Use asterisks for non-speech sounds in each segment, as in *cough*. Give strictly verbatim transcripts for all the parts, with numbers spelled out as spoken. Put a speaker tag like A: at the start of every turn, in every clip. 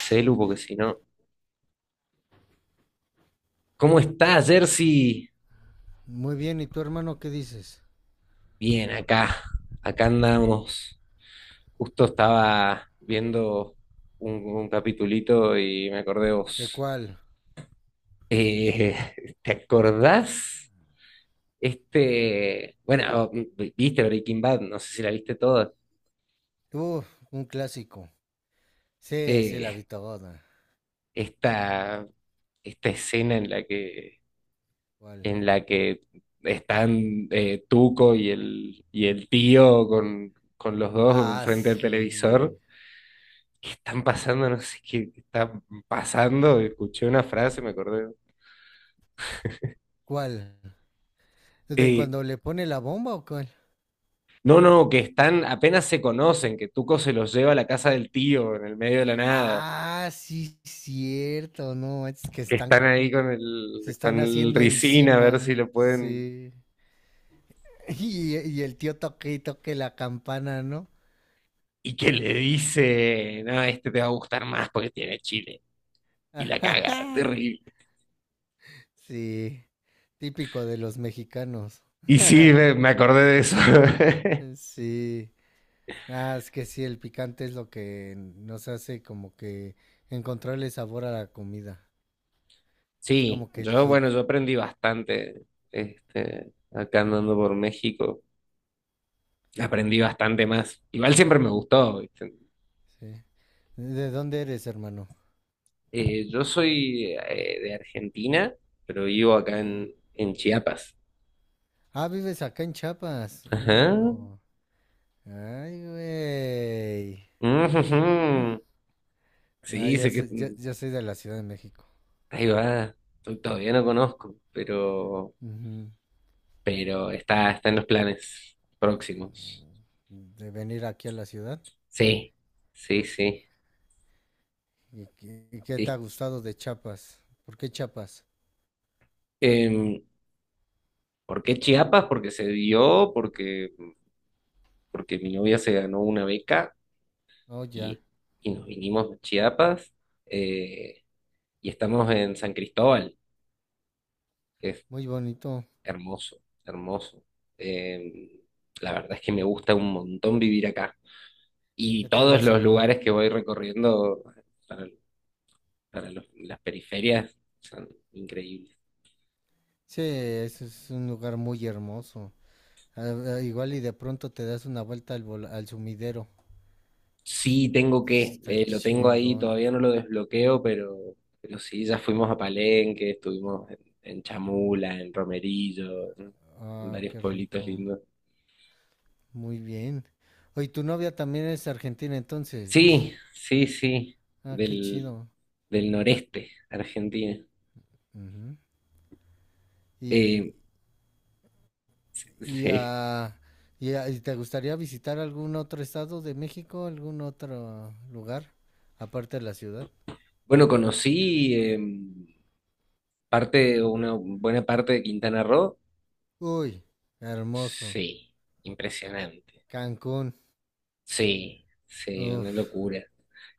A: Celu, porque si no. ¿Cómo está Jersey?
B: Muy bien, ¿y tu hermano qué dices?
A: Bien, acá. Acá andamos. Justo estaba viendo un, un capitulito y me acordé de
B: ¿De
A: vos.
B: cuál?
A: Eh, *laughs* ¿Te acordás? Este. Bueno, v- viste Breaking Bad, no sé si la viste toda.
B: Tú, un clásico. Sí, sí, la
A: Eh,
B: vi toda.
A: esta, esta escena en la que,
B: ¿Cuál?
A: en la que están eh, Tuco y el, y el tío con, con los dos
B: Ah,
A: frente al
B: sí,
A: televisor.
B: güey.
A: ¿Qué están pasando? No sé qué está pasando. Escuché una frase, me acordé.
B: ¿Cuál? ¿De
A: Eh,
B: cuando le pone la bomba o cuál?
A: no, no, que están, apenas se conocen, que Tuco se los lleva a la casa del tío en el medio de la nada,
B: Ah, sí, cierto, no, es que
A: que
B: están,
A: están ahí con
B: se
A: el,
B: están
A: con el
B: haciendo
A: Ricin a ver si
B: encima,
A: lo pueden.
B: sí. *laughs* Y, y el tío toque y toque la campana, ¿no?
A: Y que le dice, no, este te va a gustar más porque tiene chile. Y la caga,
B: *laughs*
A: terrible.
B: Sí, típico de los mexicanos. *laughs*
A: Y sí, me, me acordé de eso. *laughs*
B: Sí. Ah, es que sí, el picante es lo que nos hace como que encontrarle sabor a la comida. Es
A: Sí,
B: como que el
A: yo,
B: hit,
A: bueno, yo aprendí bastante, este, acá andando por México. Aprendí bastante más. Igual siempre me gustó. ¿Viste?
B: sí. ¿De dónde eres, hermano?
A: Eh, yo soy eh, de Argentina, pero vivo acá
B: Ajá.
A: en, en Chiapas.
B: Ah, vives acá en Chiapas. Ah,
A: Ajá.
B: míralo. Ay, güey.
A: Ujujú.
B: Ah,
A: Sí,
B: ya,
A: sé que
B: so- ya,
A: mm,
B: ya soy de la Ciudad de México.
A: ahí va. To- Todavía no conozco, pero,
B: Ujú.
A: pero está, está en los planes próximos.
B: De venir aquí a la ciudad.
A: Sí, sí, sí.
B: ¿Y qué, y qué te ha
A: Y,
B: gustado de Chiapas? ¿Por qué Chiapas?
A: em, ¿por qué Chiapas? Porque se dio, porque, porque mi novia se ganó una beca
B: Oh, ya.
A: y, y nos vinimos a Chiapas. Eh, Y estamos en San Cristóbal, que es
B: Muy bonito.
A: hermoso, hermoso. Eh, la verdad es que me gusta un montón vivir acá. Y
B: ¿Qué tal la
A: todos los
B: selva?
A: lugares que voy recorriendo para, para los- las periferias son increíbles.
B: Sí, ese es un lugar muy hermoso. Ah, ah, igual y de pronto te das una vuelta al, vol- al sumidero. Es-
A: Sí, tengo que,
B: Está
A: eh, lo tengo ahí,
B: chingón.
A: todavía no lo desbloqueo, pero, pero sí, ya fuimos a Palenque, estuvimos en, en Chamula, en Romerillo, en en
B: Ah,
A: varios
B: qué
A: pueblitos
B: rico.
A: lindos.
B: Muy bien. Oye, tu novia también es argentina entonces.
A: Sí, sí, sí,
B: Ah, qué
A: del,
B: chido.
A: del noreste argentino.
B: Ujú. Y,
A: Eh,
B: y,
A: sí.
B: ah, y, ah, ¿y te gustaría visitar algún otro estado de México, algún otro lugar, aparte de la ciudad?
A: Bueno, conocí em, parte, una buena parte de Quintana Roo.
B: Uy, hermoso.
A: Sí, impresionante.
B: Cancún.
A: Sí, sí, una
B: Uf.
A: locura.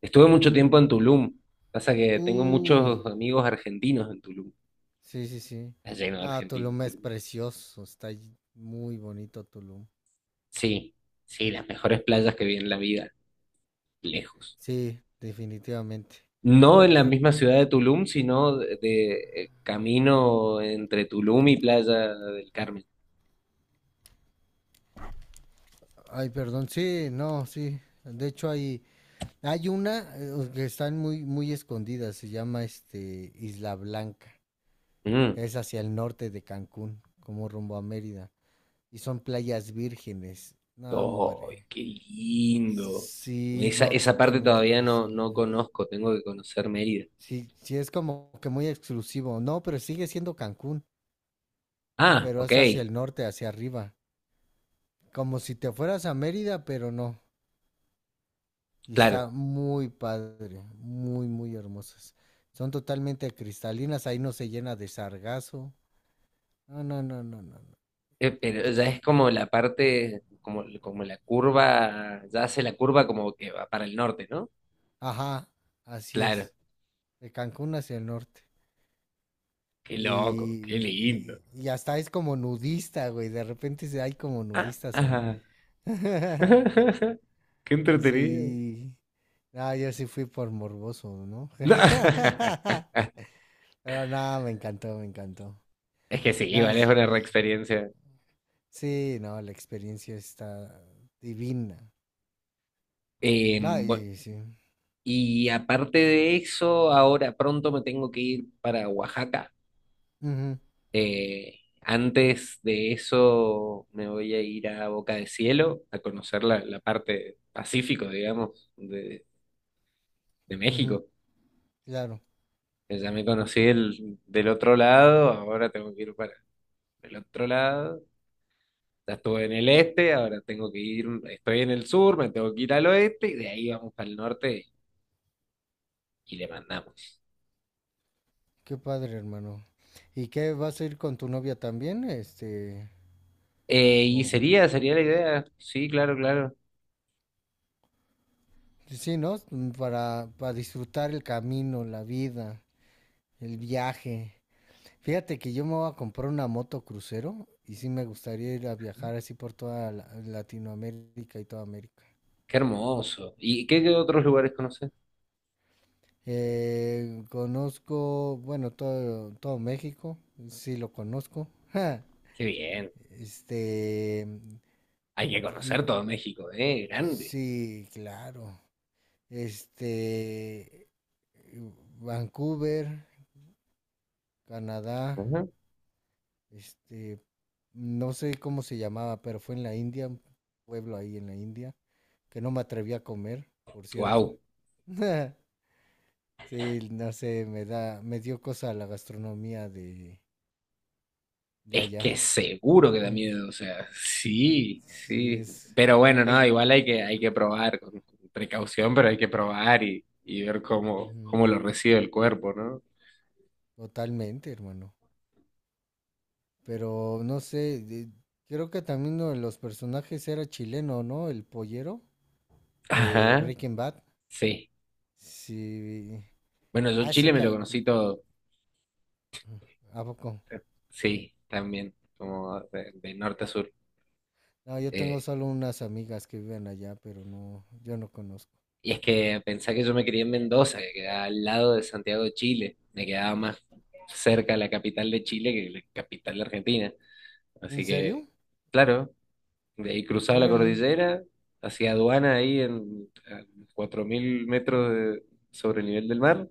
A: Estuve mucho tiempo en Tulum. Pasa que tengo
B: Uy.
A: muchos amigos argentinos en Tulum.
B: Sí, sí, sí.
A: Está lleno de
B: Ah,
A: argentinos
B: Tulum es
A: Tulum.
B: precioso, está ll- muy bonito Tulum.
A: Sí, sí, las mejores playas que vi en la vida, lejos.
B: Sí, definitivamente.
A: No en la
B: Creo-
A: misma ciudad de Tulum, sino de, de, eh, camino entre Tulum y Playa del Carmen.
B: Ay, perdón, sí, no, sí. De hecho hay, hay una eh, que están muy, muy escondidas, se llama este Isla Blanca.
A: Mm.
B: Es hacia el norte de Cancún, como rumbo a Mérida. Y son playas vírgenes. No,
A: Oh,
B: hombre.
A: qué lindo.
B: Sí,
A: Esa,
B: no,
A: esa parte
B: totalmente
A: todavía no, no
B: cristalinas.
A: conozco, tengo que conocer Mérida.
B: Sí, sí, es como que muy exclusivo. No, pero sigue siendo Cancún,
A: Ah,
B: pero
A: ok,
B: es hacia el norte, hacia arriba. Como si te fueras a Mérida, pero no. Y está
A: claro.
B: muy padre, muy, muy hermosas. Son totalmente cristalinas, ahí no se llena de sargazo. No, no, no, no, no, no.
A: Eh,
B: Y
A: pero ya
B: es-
A: es como la parte, como, como la curva, ya hace la curva como que va para el norte, ¿no?
B: Ajá, así
A: Claro,
B: es. De Cancún hacia el norte.
A: qué loco, qué
B: Y,
A: lindo.
B: y, y hasta es como nudista, güey. De repente se- hay como
A: Ah,
B: nudistas ahí.
A: ah.
B: *laughs*
A: *laughs* Qué entretenido.
B: Sí. Ah, yo sí fui por morboso, ¿no?
A: No. *laughs*
B: *laughs* Pero nada, me encantó, me encantó.
A: Es que sí,
B: Nada,
A: vale, es
B: s-
A: una reexperiencia.
B: sí, no, la experiencia está divina.
A: Eh,
B: Ay,
A: bu-
B: ay, sí.
A: y aparte de eso, ahora pronto me tengo que ir para Oaxaca.
B: Ujú,
A: Eh, antes de eso me voy a ir a Boca de Cielo a conocer la, la parte pacífico, digamos, de, de
B: ujú,
A: México.
B: claro.
A: Que ya me conocí el- del otro lado, ahora tengo que ir para el otro lado. Ya estuve en el este, ahora tengo que ir, estoy en el sur, me tengo que ir al oeste y de ahí vamos para el norte y le mandamos.
B: Qué padre, hermano. ¿Y qué vas a ir con tu novia también? Este,
A: Eh, y
B: o
A: sería, sería la idea. Sí, claro, claro.
B: sí, ¿no? Mm, Para, para disfrutar el camino, la vida, el viaje. Fíjate que yo me voy a comprar una moto crucero y sí me gustaría ir a viajar así por toda la- Latinoamérica y toda América.
A: Qué hermoso. ¿Y qué, qué otros lugares conoces?
B: Eh, conozco, bueno, todo, todo México, sí lo conozco. Ja,
A: Qué bien.
B: este,
A: Hay que
B: y-
A: conocer todo México, ¿eh? Grande.
B: sí, claro. Este, Vancouver, Canadá,
A: Ujú.
B: este, no sé cómo se llamaba, pero fue en la India, un pueblo ahí en la India, que no me atreví a comer, por cierto.
A: Wow.
B: *laughs* Sí, no sé, me da, me dio cosa la gastronomía de, de
A: Es
B: allá.
A: que seguro que da
B: *laughs*
A: miedo, o sea, sí,
B: Sí,
A: sí.
B: es,
A: Pero bueno,
B: es
A: no, igual hay que, hay que probar con con precaución, pero hay que probar y, y ver cómo,
B: ujú,
A: cómo lo recibe el cuerpo, ¿no?
B: totalmente, hermano. Pero no sé, de- creo que también uno de los personajes era chileno, ¿no? El pollero de
A: Ajá.
B: Breaking Bad.
A: Sí.
B: Sí.
A: Bueno, yo
B: Ah,
A: Chile
B: se
A: me lo
B: ca- cu-
A: conocí todo.
B: ¿a poco?
A: Sí, también, como de, de norte a sur.
B: No, yo tengo
A: Eh,
B: solo unas amigas que viven allá, pero no, yo no conozco.
A: Y es que pensá que yo me crié en Mendoza, que quedaba al lado de Santiago de Chile. Me quedaba más cerca la capital de Chile que la capital de Argentina.
B: ¿En
A: Así que,
B: serio?
A: claro, de ahí cruzaba la
B: Órale.
A: cordillera, hacía aduana ahí en a cuatro mil metros de- sobre el nivel del mar.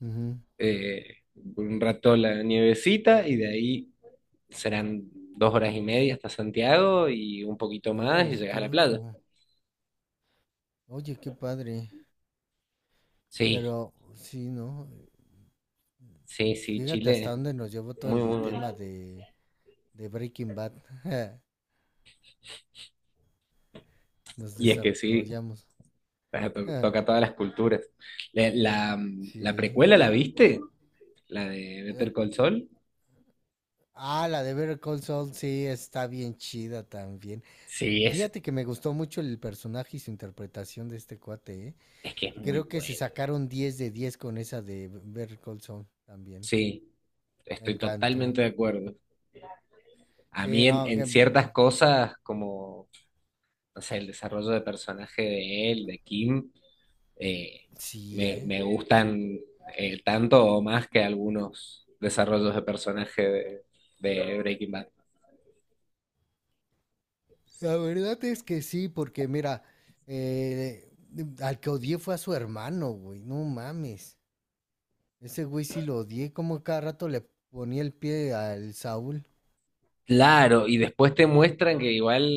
B: Ujú.
A: eh, un rato la nievecita y de ahí serán dos horas y media hasta Santiago y un poquito más y
B: Órale,
A: llegas
B: qué
A: a la playa.
B: loco. Oye, qué padre.
A: Sí,
B: Pero sí, ¿no?
A: sí, sí,
B: Fíjate
A: Chile
B: hasta dónde
A: es
B: nos llevó todo
A: muy,
B: el
A: muy
B: tema
A: bonito.
B: de de Breaking Bad. *laughs* Nos
A: Y es que sí,
B: desarrollamos.
A: *laughs* sea, to-
B: *laughs*
A: toca todas las culturas. Le- La, la
B: Sí.
A: precuela, ¿la viste? La de
B: Eh,
A: Better Call Saul.
B: ah, la de Better Call Saul, sí, está bien chida también.
A: Sí, es,
B: Fíjate que me gustó mucho el personaje y su interpretación de este cuate, ¿eh?
A: es que es muy
B: Creo que se
A: bueno.
B: sacaron diez de diez con esa de Better Call Saul también.
A: Sí,
B: Me
A: estoy totalmente
B: encantó.
A: de acuerdo. A
B: Sí,
A: mí en,
B: no,
A: en
B: que... mm,
A: ciertas cosas, como, no sé, el desarrollo de personaje de él, de Kim, eh,
B: sí,
A: me,
B: ¿eh?
A: me gustan eh, tanto o más que algunos desarrollos de personaje de, de Breaking Bad.
B: La verdad es que sí, porque mira, eh, al que odié fue a su hermano, güey, no mames. Ese güey sí lo odié, como cada rato le ponía el pie al Saúl.
A: Claro, y después te muestran que igual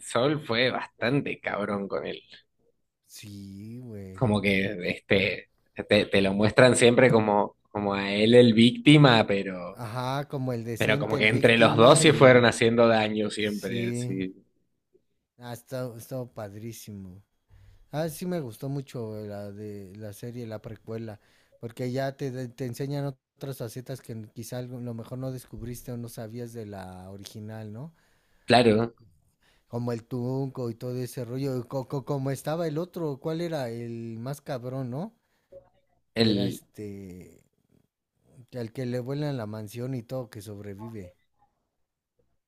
A: Sol fue bastante cabrón con él.
B: Sí, güey.
A: Como que este, te, te lo muestran siempre como, como a él el víctima, pero,
B: Ajá, como el
A: pero como
B: decente, el
A: que entre los dos
B: víctima
A: se fueron
B: y...
A: haciendo daño siempre,
B: Sí.
A: así.
B: Ah, está, está padrísimo. Ah, sí me gustó mucho la de la serie, la precuela, porque ya te, te enseñan otras facetas que quizá algo, lo mejor no descubriste o no sabías de la original, ¿no?
A: Claro,
B: Como el Tunco y todo ese rollo, y co- co- como estaba el otro, ¿cuál era? El más cabrón, ¿no? Que era
A: el,
B: este... El que le vuela en la mansión y todo, que sobrevive.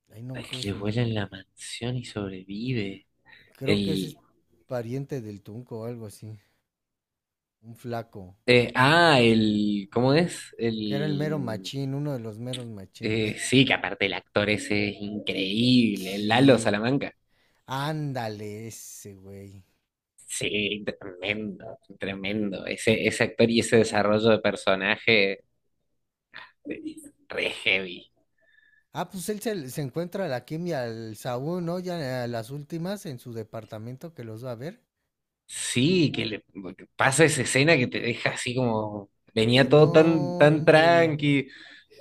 B: Ay, no me
A: el
B: acuerdo
A: que le
B: su
A: vuela en
B: nombre.
A: la mansión y sobrevive.
B: Creo que ese
A: El,
B: es pariente del Tunco o algo así. Un flaco.
A: eh, ah, el, ¿cómo es?
B: Que era el mero
A: El,
B: machín, uno de los meros
A: eh,
B: machines.
A: sí, que aparte el actor ese es increíble, el Lalo
B: Sí.
A: Salamanca.
B: Ándale, ese güey.
A: Sí, tremendo, tremendo. Ese, ese actor y ese desarrollo de personaje eh, re heavy.
B: Ah, pues él se, se encuentra a la Kim y al Saúl, ¿no? Ya a las últimas en su departamento que los va a ver.
A: Sí, que le que pasa esa escena que te deja así como. Venía
B: De no,
A: todo tan, tan
B: hombre.
A: tranqui,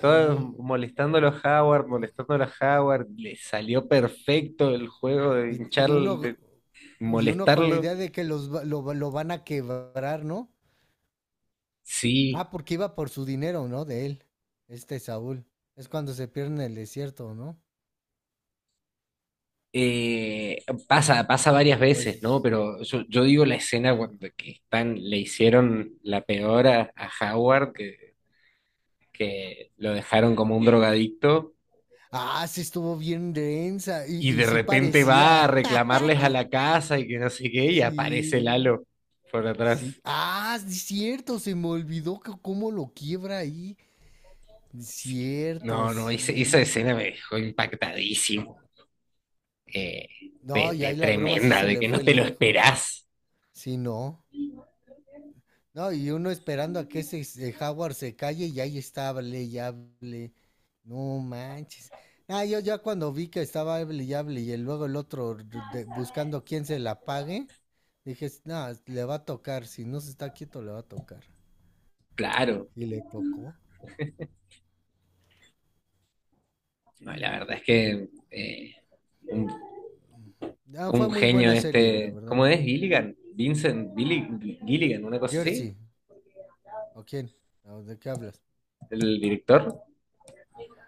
A: todo molestando a los Howard, molestando a los Howard. Le salió perfecto el juego de
B: Y,
A: hinchar,
B: y uno
A: de
B: y uno con la
A: molestarlo.
B: idea de que los lo, lo van a quebrar, ¿no?
A: Sí,
B: Ah, porque iba por su dinero, ¿no? De él, este Saúl. Es cuando se pierde en el desierto, ¿no?
A: eh, pasa, pasa varias veces, ¿no?
B: Pues.
A: Pero yo, yo digo la escena
B: Ajá.
A: cuando que están, le hicieron la peor a, a Howard, que, que lo dejaron como un drogadicto
B: Ah, sí estuvo bien densa.
A: y
B: Y, y
A: de
B: sí
A: repente va a
B: parecía. *laughs*
A: reclamarles a la casa y que no sé qué, y aparece
B: Sí.
A: Lalo por
B: Sí.
A: atrás.
B: Ah, sí, cierto, se me olvidó que cómo lo quiebra ahí. Cierto,
A: No, no, ese- esa
B: sí.
A: escena me dejó impactadísimo, eh,
B: No,
A: de,
B: y
A: de
B: ahí la broma sí
A: tremenda,
B: se
A: de
B: le
A: que no
B: fue
A: te lo
B: lejos.
A: esperás.
B: Sí, no. No, y uno esperando a que ese s- eh, Howard se calle y ahí está, hable y hable. No manches. Ah, yo ya cuando vi que estaba hable y hable y el- luego el otro r- de- buscando quién se la pague, dije, "S- no, le va a tocar, si no se está quieto le va a tocar.
A: Claro,
B: Y le tocó.
A: no, la
B: Ujú.
A: verdad es que eh, un,
B: Ah, fue
A: un
B: muy
A: genio
B: buena serie, la
A: este,
B: verdad.
A: ¿cómo es? Gilligan, Vincent Billi- Gilligan, una cosa así,
B: Jersey, ¿o quién? ¿O ¿de qué hablas?
A: el director,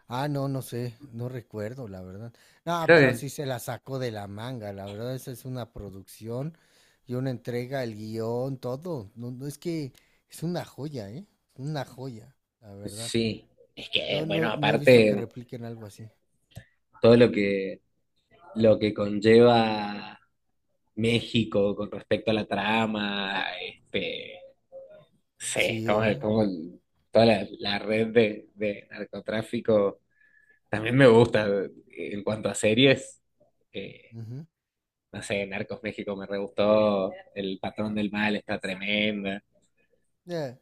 B: Ah, no, no sé, no recuerdo, la verdad. No,
A: creo
B: pero
A: que
B: sí se la sacó de la manga, la verdad, esa es una producción y una entrega, el guión, todo. No, no, es que es una joya, ¿eh? Una joya, la verdad.
A: sí. Es que,
B: No,
A: bueno,
B: no, no he visto que
A: aparte
B: repliquen algo así.
A: todo lo que, lo que conlleva México con respecto a la trama, este, sé,
B: Sí,
A: como,
B: ¿eh?
A: como el- toda la, la red de, de narcotráfico también me gusta. En cuanto a series, eh,
B: Ujú.
A: no sé, Narcos México me re gustó, El Patrón del Mal está tremenda,
B: Eh,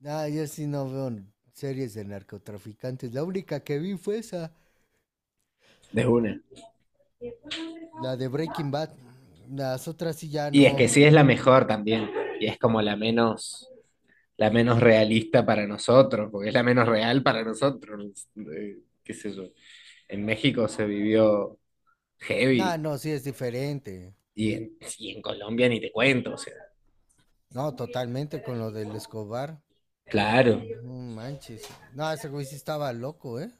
B: no, yo sí no veo n- series de narcotraficantes. La única que vi fue esa,
A: de una.
B: la de Breaking Bad. Las otras sí ya
A: Y es que
B: no.
A: sí es la mejor también, y es como la menos, la menos realista para nosotros, porque es la menos real para nosotros. eh, qué sé yo. En México se vivió
B: No,
A: heavy.
B: no, sí es diferente.
A: Y en, y en Colombia ni te cuento, o sea,
B: No, totalmente con lo del Escobar.
A: claro.
B: No manches. No, ese güey sí estaba loco, ¿eh?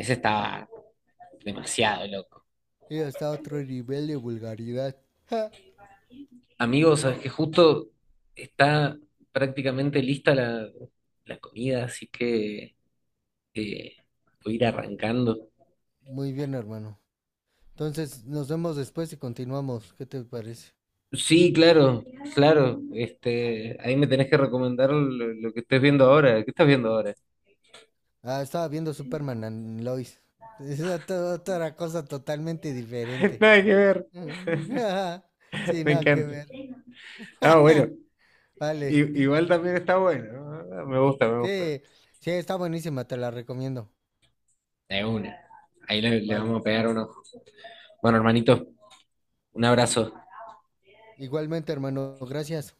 A: Ese estaba demasiado loco.
B: Sí, está a otro nivel de vulgaridad. Ja.
A: Amigos, sabes que justo está prácticamente lista la, la comida, así que eh, voy a ir arrancando.
B: Muy bien, hermano. Entonces, nos vemos después y continuamos. ¿Qué te parece?
A: Sí, claro, claro. Este, ahí me tenés que recomendar lo, lo que estés viendo ahora. ¿Qué estás viendo ahora?
B: Ah, estaba viendo Superman and Lois. *laughs* Es otra, otra cosa totalmente
A: *laughs*
B: diferente.
A: Nada que ver,
B: *laughs* Sí,
A: me
B: nada que
A: encanta.
B: ver.
A: Ah, bueno,
B: *laughs* Vale.
A: I- igual también está bueno, ¿no? Me gusta, me gusta.
B: Sí, sí, está buenísima, te la recomiendo.
A: De una. Ahí le, le
B: Vale.
A: vamos a pegar uno. Bueno, hermanito, un abrazo.
B: Igualmente, hermano, gracias.